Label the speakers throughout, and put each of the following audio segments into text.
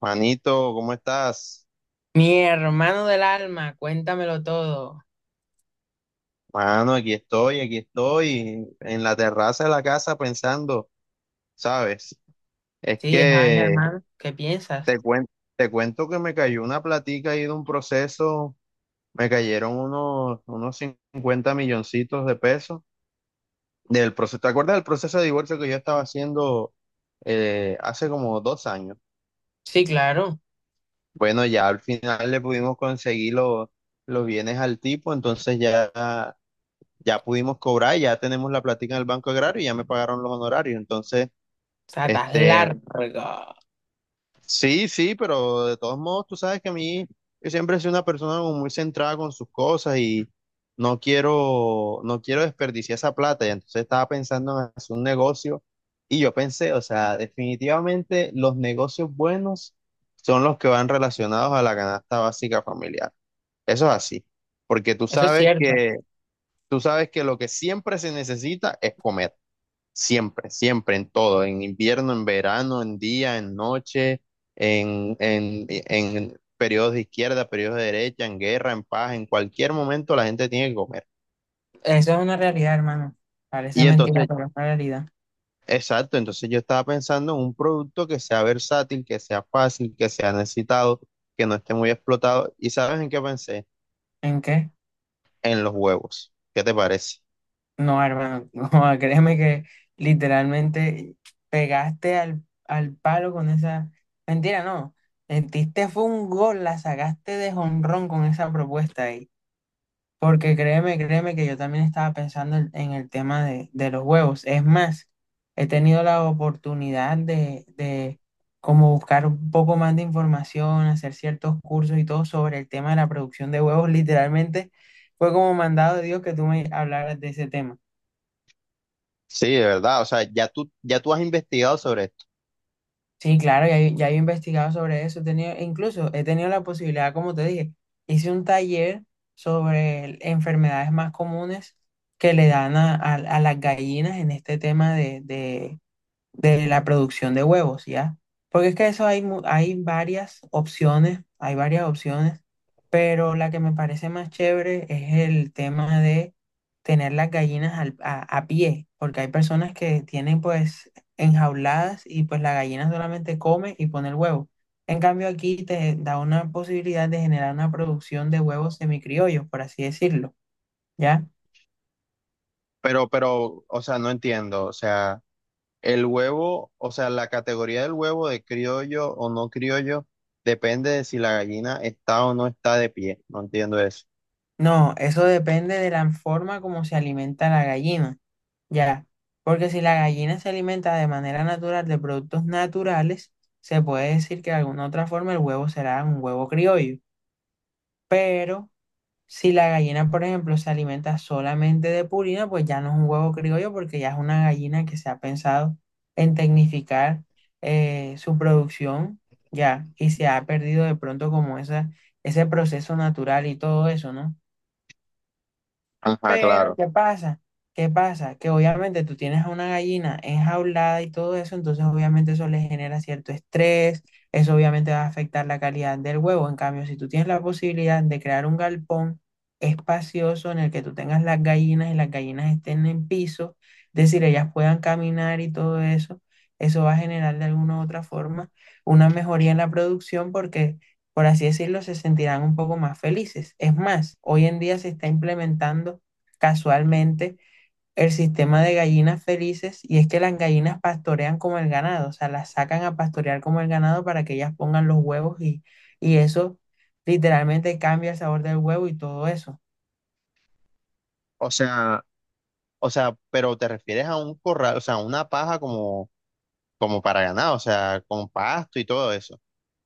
Speaker 1: Manito, ¿cómo estás?
Speaker 2: Mi hermano del alma, cuéntamelo todo.
Speaker 1: Mano, aquí estoy, en la terraza de la casa pensando, ¿sabes? Es
Speaker 2: Sí, esa vaina,
Speaker 1: que
Speaker 2: hermano, ¿qué
Speaker 1: te
Speaker 2: piensas?
Speaker 1: cuento, te cuento que me cayó una platica ahí de un proceso, me cayeron unos 50 milloncitos de pesos del proceso. ¿Te acuerdas del proceso de divorcio que yo estaba haciendo hace como 2 años?
Speaker 2: Sí, claro. O
Speaker 1: Bueno, ya al final le pudimos conseguir los bienes al tipo, entonces ya pudimos cobrar, ya tenemos la platica en el Banco Agrario y ya me pagaron los honorarios. Entonces,
Speaker 2: sea, estás
Speaker 1: este,
Speaker 2: largo.
Speaker 1: sí, sí, pero de todos modos, tú sabes que a mí, yo siempre he sido una persona como muy centrada con sus cosas y no quiero, no quiero desperdiciar esa plata. Y entonces estaba pensando en hacer un negocio y yo pensé, o sea, definitivamente los negocios buenos son los que van relacionados a la canasta básica familiar. Eso es así, porque
Speaker 2: Eso es cierto.
Speaker 1: tú sabes que lo que siempre se necesita es comer. Siempre, siempre, en todo, en invierno, en verano, en día, en noche, en periodos de izquierda, periodos de derecha, en guerra, en paz, en cualquier momento la gente tiene que comer.
Speaker 2: Eso es una realidad, hermano. Parece
Speaker 1: Y
Speaker 2: mentira,
Speaker 1: entonces,
Speaker 2: pero es una realidad.
Speaker 1: exacto, entonces yo estaba pensando en un producto que sea versátil, que sea fácil, que sea necesitado, que no esté muy explotado. ¿Y sabes en qué pensé?
Speaker 2: ¿En qué?
Speaker 1: En los huevos. ¿Qué te parece?
Speaker 2: No, hermano. No, créeme que literalmente pegaste al palo con esa. Mentira, no. Metiste fue un gol, la sacaste de jonrón con esa propuesta ahí. Porque créeme, créeme que yo también estaba pensando en el tema de los huevos. Es más, he tenido la oportunidad de como buscar un poco más de información, hacer ciertos cursos y todo sobre el tema de la producción de huevos. Literalmente fue como mandado de Dios que tú me hablaras de ese tema.
Speaker 1: Sí, de verdad, o sea, ya tú has investigado sobre esto,
Speaker 2: Sí, claro, ya, yo he investigado sobre eso. He tenido, incluso he tenido la posibilidad, como te dije, hice un taller sobre enfermedades más comunes que le dan a, a las gallinas en este tema de la producción de huevos, ¿ya? Porque es que eso hay, hay varias opciones, pero la que me parece más chévere es el tema de tener las gallinas a pie, porque hay personas que tienen pues enjauladas y pues la gallina solamente come y pone el huevo. En cambio aquí te da una posibilidad de generar una producción de huevos semicriollos, por así decirlo, ¿ya?
Speaker 1: pero, o sea, no entiendo, o sea, el huevo, o sea, la categoría del huevo de criollo o no criollo depende de si la gallina está o no está de pie. No entiendo eso.
Speaker 2: No, eso depende de la forma como se alimenta la gallina. Ya, porque si la gallina se alimenta de manera natural de productos naturales, se puede decir que de alguna otra forma el huevo será un huevo criollo. Pero si la gallina, por ejemplo, se alimenta solamente de purina, pues ya no es un huevo criollo porque ya es una gallina que se ha pensado en tecnificar su producción, ya, y se ha perdido de pronto como ese proceso natural y todo eso, ¿no?
Speaker 1: Ajá,
Speaker 2: Pero,
Speaker 1: claro.
Speaker 2: ¿qué pasa? ¿Qué pasa? Que obviamente tú tienes a una gallina enjaulada y todo eso, entonces obviamente eso le genera cierto estrés, eso obviamente va a afectar la calidad del huevo. En cambio, si tú tienes la posibilidad de crear un galpón espacioso en el que tú tengas las gallinas y las gallinas estén en piso, es decir, ellas puedan caminar y todo eso, eso va a generar de alguna u otra forma una mejoría en la producción porque por así decirlo, se sentirán un poco más felices. Es más, hoy en día se está implementando casualmente el sistema de gallinas felices y es que las gallinas pastorean como el ganado, o sea, las sacan a pastorear como el ganado para que ellas pongan los huevos y eso literalmente cambia el sabor del huevo y todo eso.
Speaker 1: O sea, o sea, pero te refieres a un corral, o sea, una paja como para ganado, o sea, con pasto y todo eso.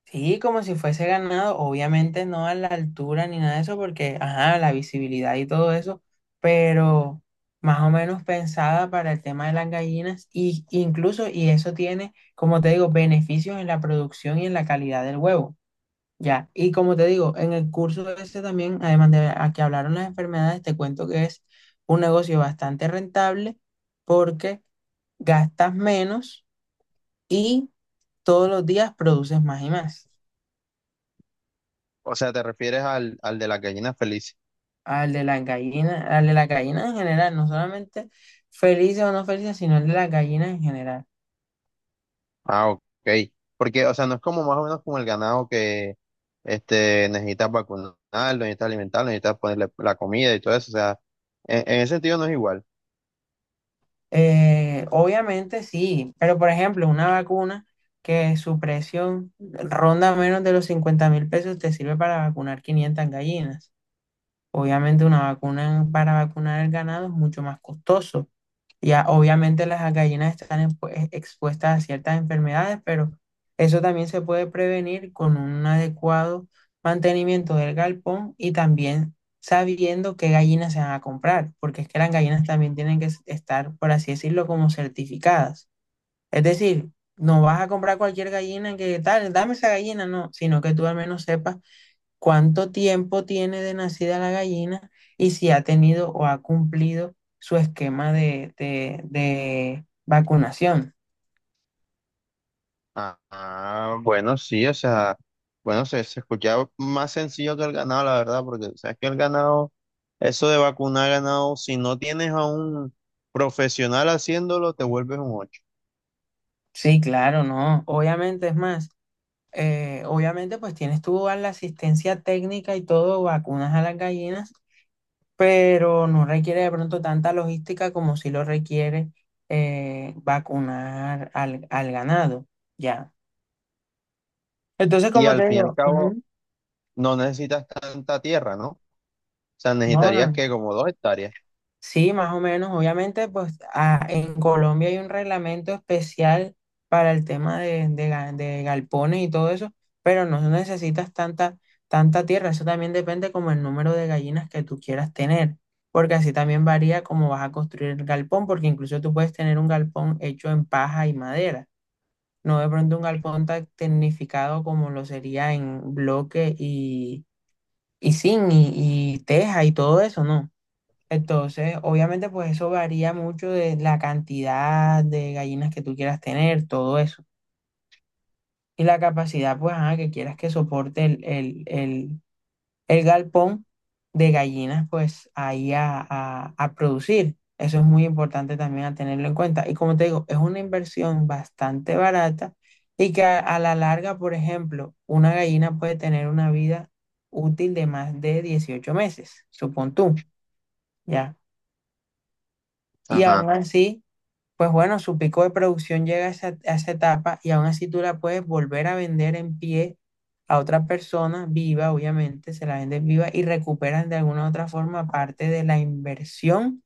Speaker 2: Sí, como si fuese ganado, obviamente no a la altura ni nada de eso, porque, ajá, la visibilidad y todo eso, pero más o menos pensada para el tema de las gallinas, y incluso, y eso tiene, como te digo, beneficios en la producción y en la calidad del huevo. Ya, y como te digo, en el curso ese también, además de a que hablaron las enfermedades, te cuento que es un negocio bastante rentable porque gastas menos y todos los días produces más y más.
Speaker 1: O sea, te refieres al de las gallinas felices.
Speaker 2: Al de las gallinas, al de las gallinas en general, no solamente felices o no felices, sino el de las gallinas en general.
Speaker 1: Ah, ok. Porque, o sea, no es como más o menos como el ganado que necesitas vacunarlo, necesitas alimentarlo, necesitas ponerle la comida y todo eso. O sea, en ese sentido no es igual.
Speaker 2: Obviamente sí, pero por ejemplo, una vacuna que su precio ronda menos de los 50.000 pesos te sirve para vacunar 500 gallinas. Obviamente una vacuna para vacunar el ganado es mucho más costoso. Ya obviamente las gallinas están expuestas a ciertas enfermedades, pero eso también se puede prevenir con un adecuado mantenimiento del galpón y también sabiendo qué gallinas se van a comprar, porque es que las gallinas también tienen que estar, por así decirlo, como certificadas. Es decir, no vas a comprar cualquier gallina que tal, dame esa gallina, no, sino que tú al menos sepas cuánto tiempo tiene de nacida la gallina y si ha tenido o ha cumplido su esquema de vacunación.
Speaker 1: Ah, ah, bueno, sí, o sea, bueno, se escuchaba más sencillo que el ganado, la verdad, porque sabes que el ganado, eso de vacunar ganado, si no tienes a un profesional haciéndolo, te vuelves un ocho.
Speaker 2: Sí, claro, no. Obviamente es más, obviamente pues tienes tú a la asistencia técnica y todo, vacunas a las gallinas, pero no requiere de pronto tanta logística como si lo requiere vacunar al ganado, ya. Entonces,
Speaker 1: Y
Speaker 2: como
Speaker 1: al
Speaker 2: te
Speaker 1: fin y al
Speaker 2: digo,
Speaker 1: cabo,
Speaker 2: ujú,
Speaker 1: no necesitas tanta tierra, ¿no? O sea,
Speaker 2: no, no,
Speaker 1: necesitarías
Speaker 2: no.
Speaker 1: que como 2 hectáreas.
Speaker 2: Sí, más o menos. Obviamente, pues ah, en Colombia hay un reglamento especial para el tema de galpones y todo eso, pero no necesitas tanta tierra. Eso también depende como el número de gallinas que tú quieras tener, porque así también varía cómo vas a construir el galpón, porque incluso tú puedes tener un galpón hecho en paja y madera, no de pronto un galpón tan tecnificado como lo sería en bloque y zinc y teja y todo eso, ¿no? Entonces, obviamente, pues eso varía mucho de la cantidad de gallinas que tú quieras tener, todo eso. Y la capacidad, pues, ajá, que quieras que soporte el galpón de gallinas, pues, ahí a producir. Eso es muy importante también a tenerlo en cuenta. Y como te digo, es una inversión bastante barata y que a la larga, por ejemplo, una gallina puede tener una vida útil de más de 18 meses, supón tú, ¿ya? Y
Speaker 1: Ajá.
Speaker 2: aún así pues bueno, su pico de producción llega a a esa etapa y aún así tú la puedes volver a vender en pie a otra persona viva, obviamente, se la vendes viva y recuperas de alguna u otra forma parte de la inversión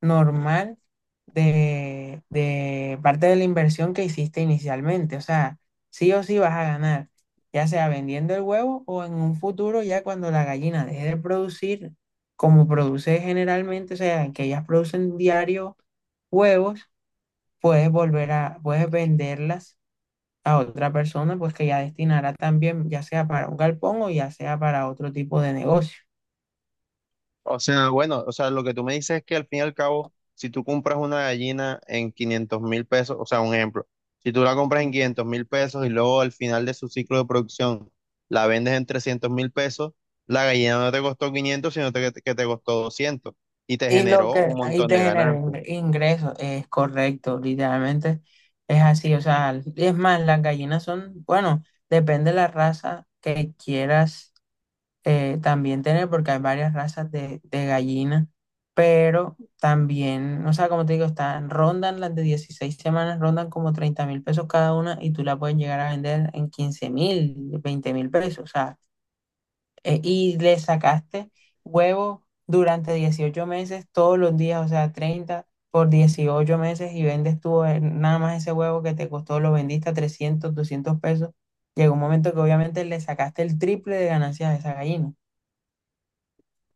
Speaker 2: normal de parte de la inversión que hiciste inicialmente. O sea, sí o sí vas a ganar, ya sea vendiendo el huevo o en un futuro ya cuando la gallina deje de producir como produce generalmente, o sea, que ellas producen diario huevos puedes volver a, puedes venderlas a otra persona, pues que ya destinará también, ya sea para un galpón o ya sea para otro tipo de negocio.
Speaker 1: O sea, bueno, o sea, lo que tú me dices es que al fin y al cabo, si tú compras una gallina en 500.000 pesos, o sea, un ejemplo, si tú la compras en 500.000 pesos y luego al final de su ciclo de producción la vendes en 300.000 pesos, la gallina no te costó 500, sino que te costó 200 y te
Speaker 2: Y lo
Speaker 1: generó un
Speaker 2: que ahí
Speaker 1: montón
Speaker 2: te
Speaker 1: de
Speaker 2: genera
Speaker 1: ganancias.
Speaker 2: ingresos es correcto, literalmente es así, o sea, es más, las gallinas son, bueno, depende de la raza que quieras también tener, porque hay varias razas de gallinas, pero también, o sea, como te digo, están, rondan las de 16 semanas, rondan como 30.000 pesos cada una y tú la puedes llegar a vender en 15.000, 20.000 pesos, o sea, y le sacaste huevos durante 18 meses, todos los días, o sea, 30 por 18 meses y vendes tú nada más ese huevo que te costó, lo vendiste a 300, 200 pesos. Llegó un momento que obviamente le sacaste el triple de ganancias a esa gallina.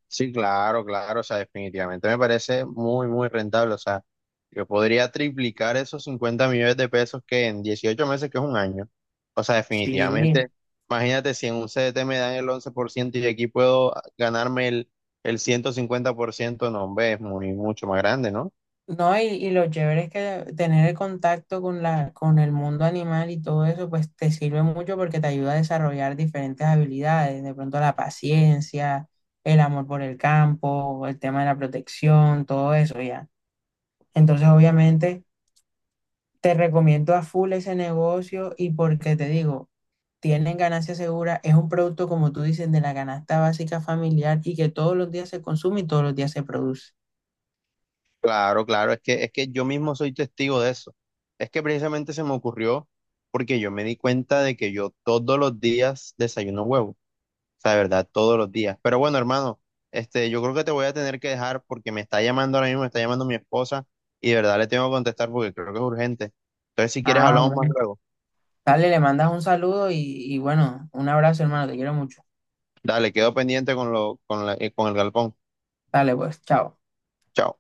Speaker 1: Sí, claro, claro, o sea, definitivamente me parece muy, muy rentable, o sea, yo podría triplicar esos 50 millones de pesos que en 18 meses, que es un año, o sea,
Speaker 2: Sí.
Speaker 1: definitivamente, imagínate si en un CDT me dan el 11% y aquí puedo ganarme el 150%, no, hombre, es muy, mucho más grande, ¿no?
Speaker 2: No, y lo chévere es que tener el contacto con la, con el mundo animal y todo eso, pues te sirve mucho porque te ayuda a desarrollar diferentes habilidades, de pronto la paciencia, el amor por el campo, el tema de la protección, todo eso ya. Entonces, obviamente, te recomiendo a full ese negocio y porque te digo, tienen ganancia segura, es un producto, como tú dices, de la canasta básica familiar y que todos los días se consume y todos los días se produce.
Speaker 1: Claro, claro, es que yo mismo soy testigo de eso, es que precisamente se me ocurrió porque yo me di cuenta de que yo todos los días desayuno huevo. Sea, de verdad, todos los días. Pero bueno, hermano, yo creo que te voy a tener que dejar porque me está llamando ahora mismo, me está llamando mi esposa y de verdad le tengo que contestar porque creo que es urgente. Entonces, si quieres,
Speaker 2: Ah,
Speaker 1: hablamos más
Speaker 2: bueno.
Speaker 1: luego.
Speaker 2: Dale, le mandas un saludo y bueno, un abrazo, hermano, te quiero mucho.
Speaker 1: Dale, quedo pendiente con con el galpón.
Speaker 2: Dale, pues, chao.
Speaker 1: Chao.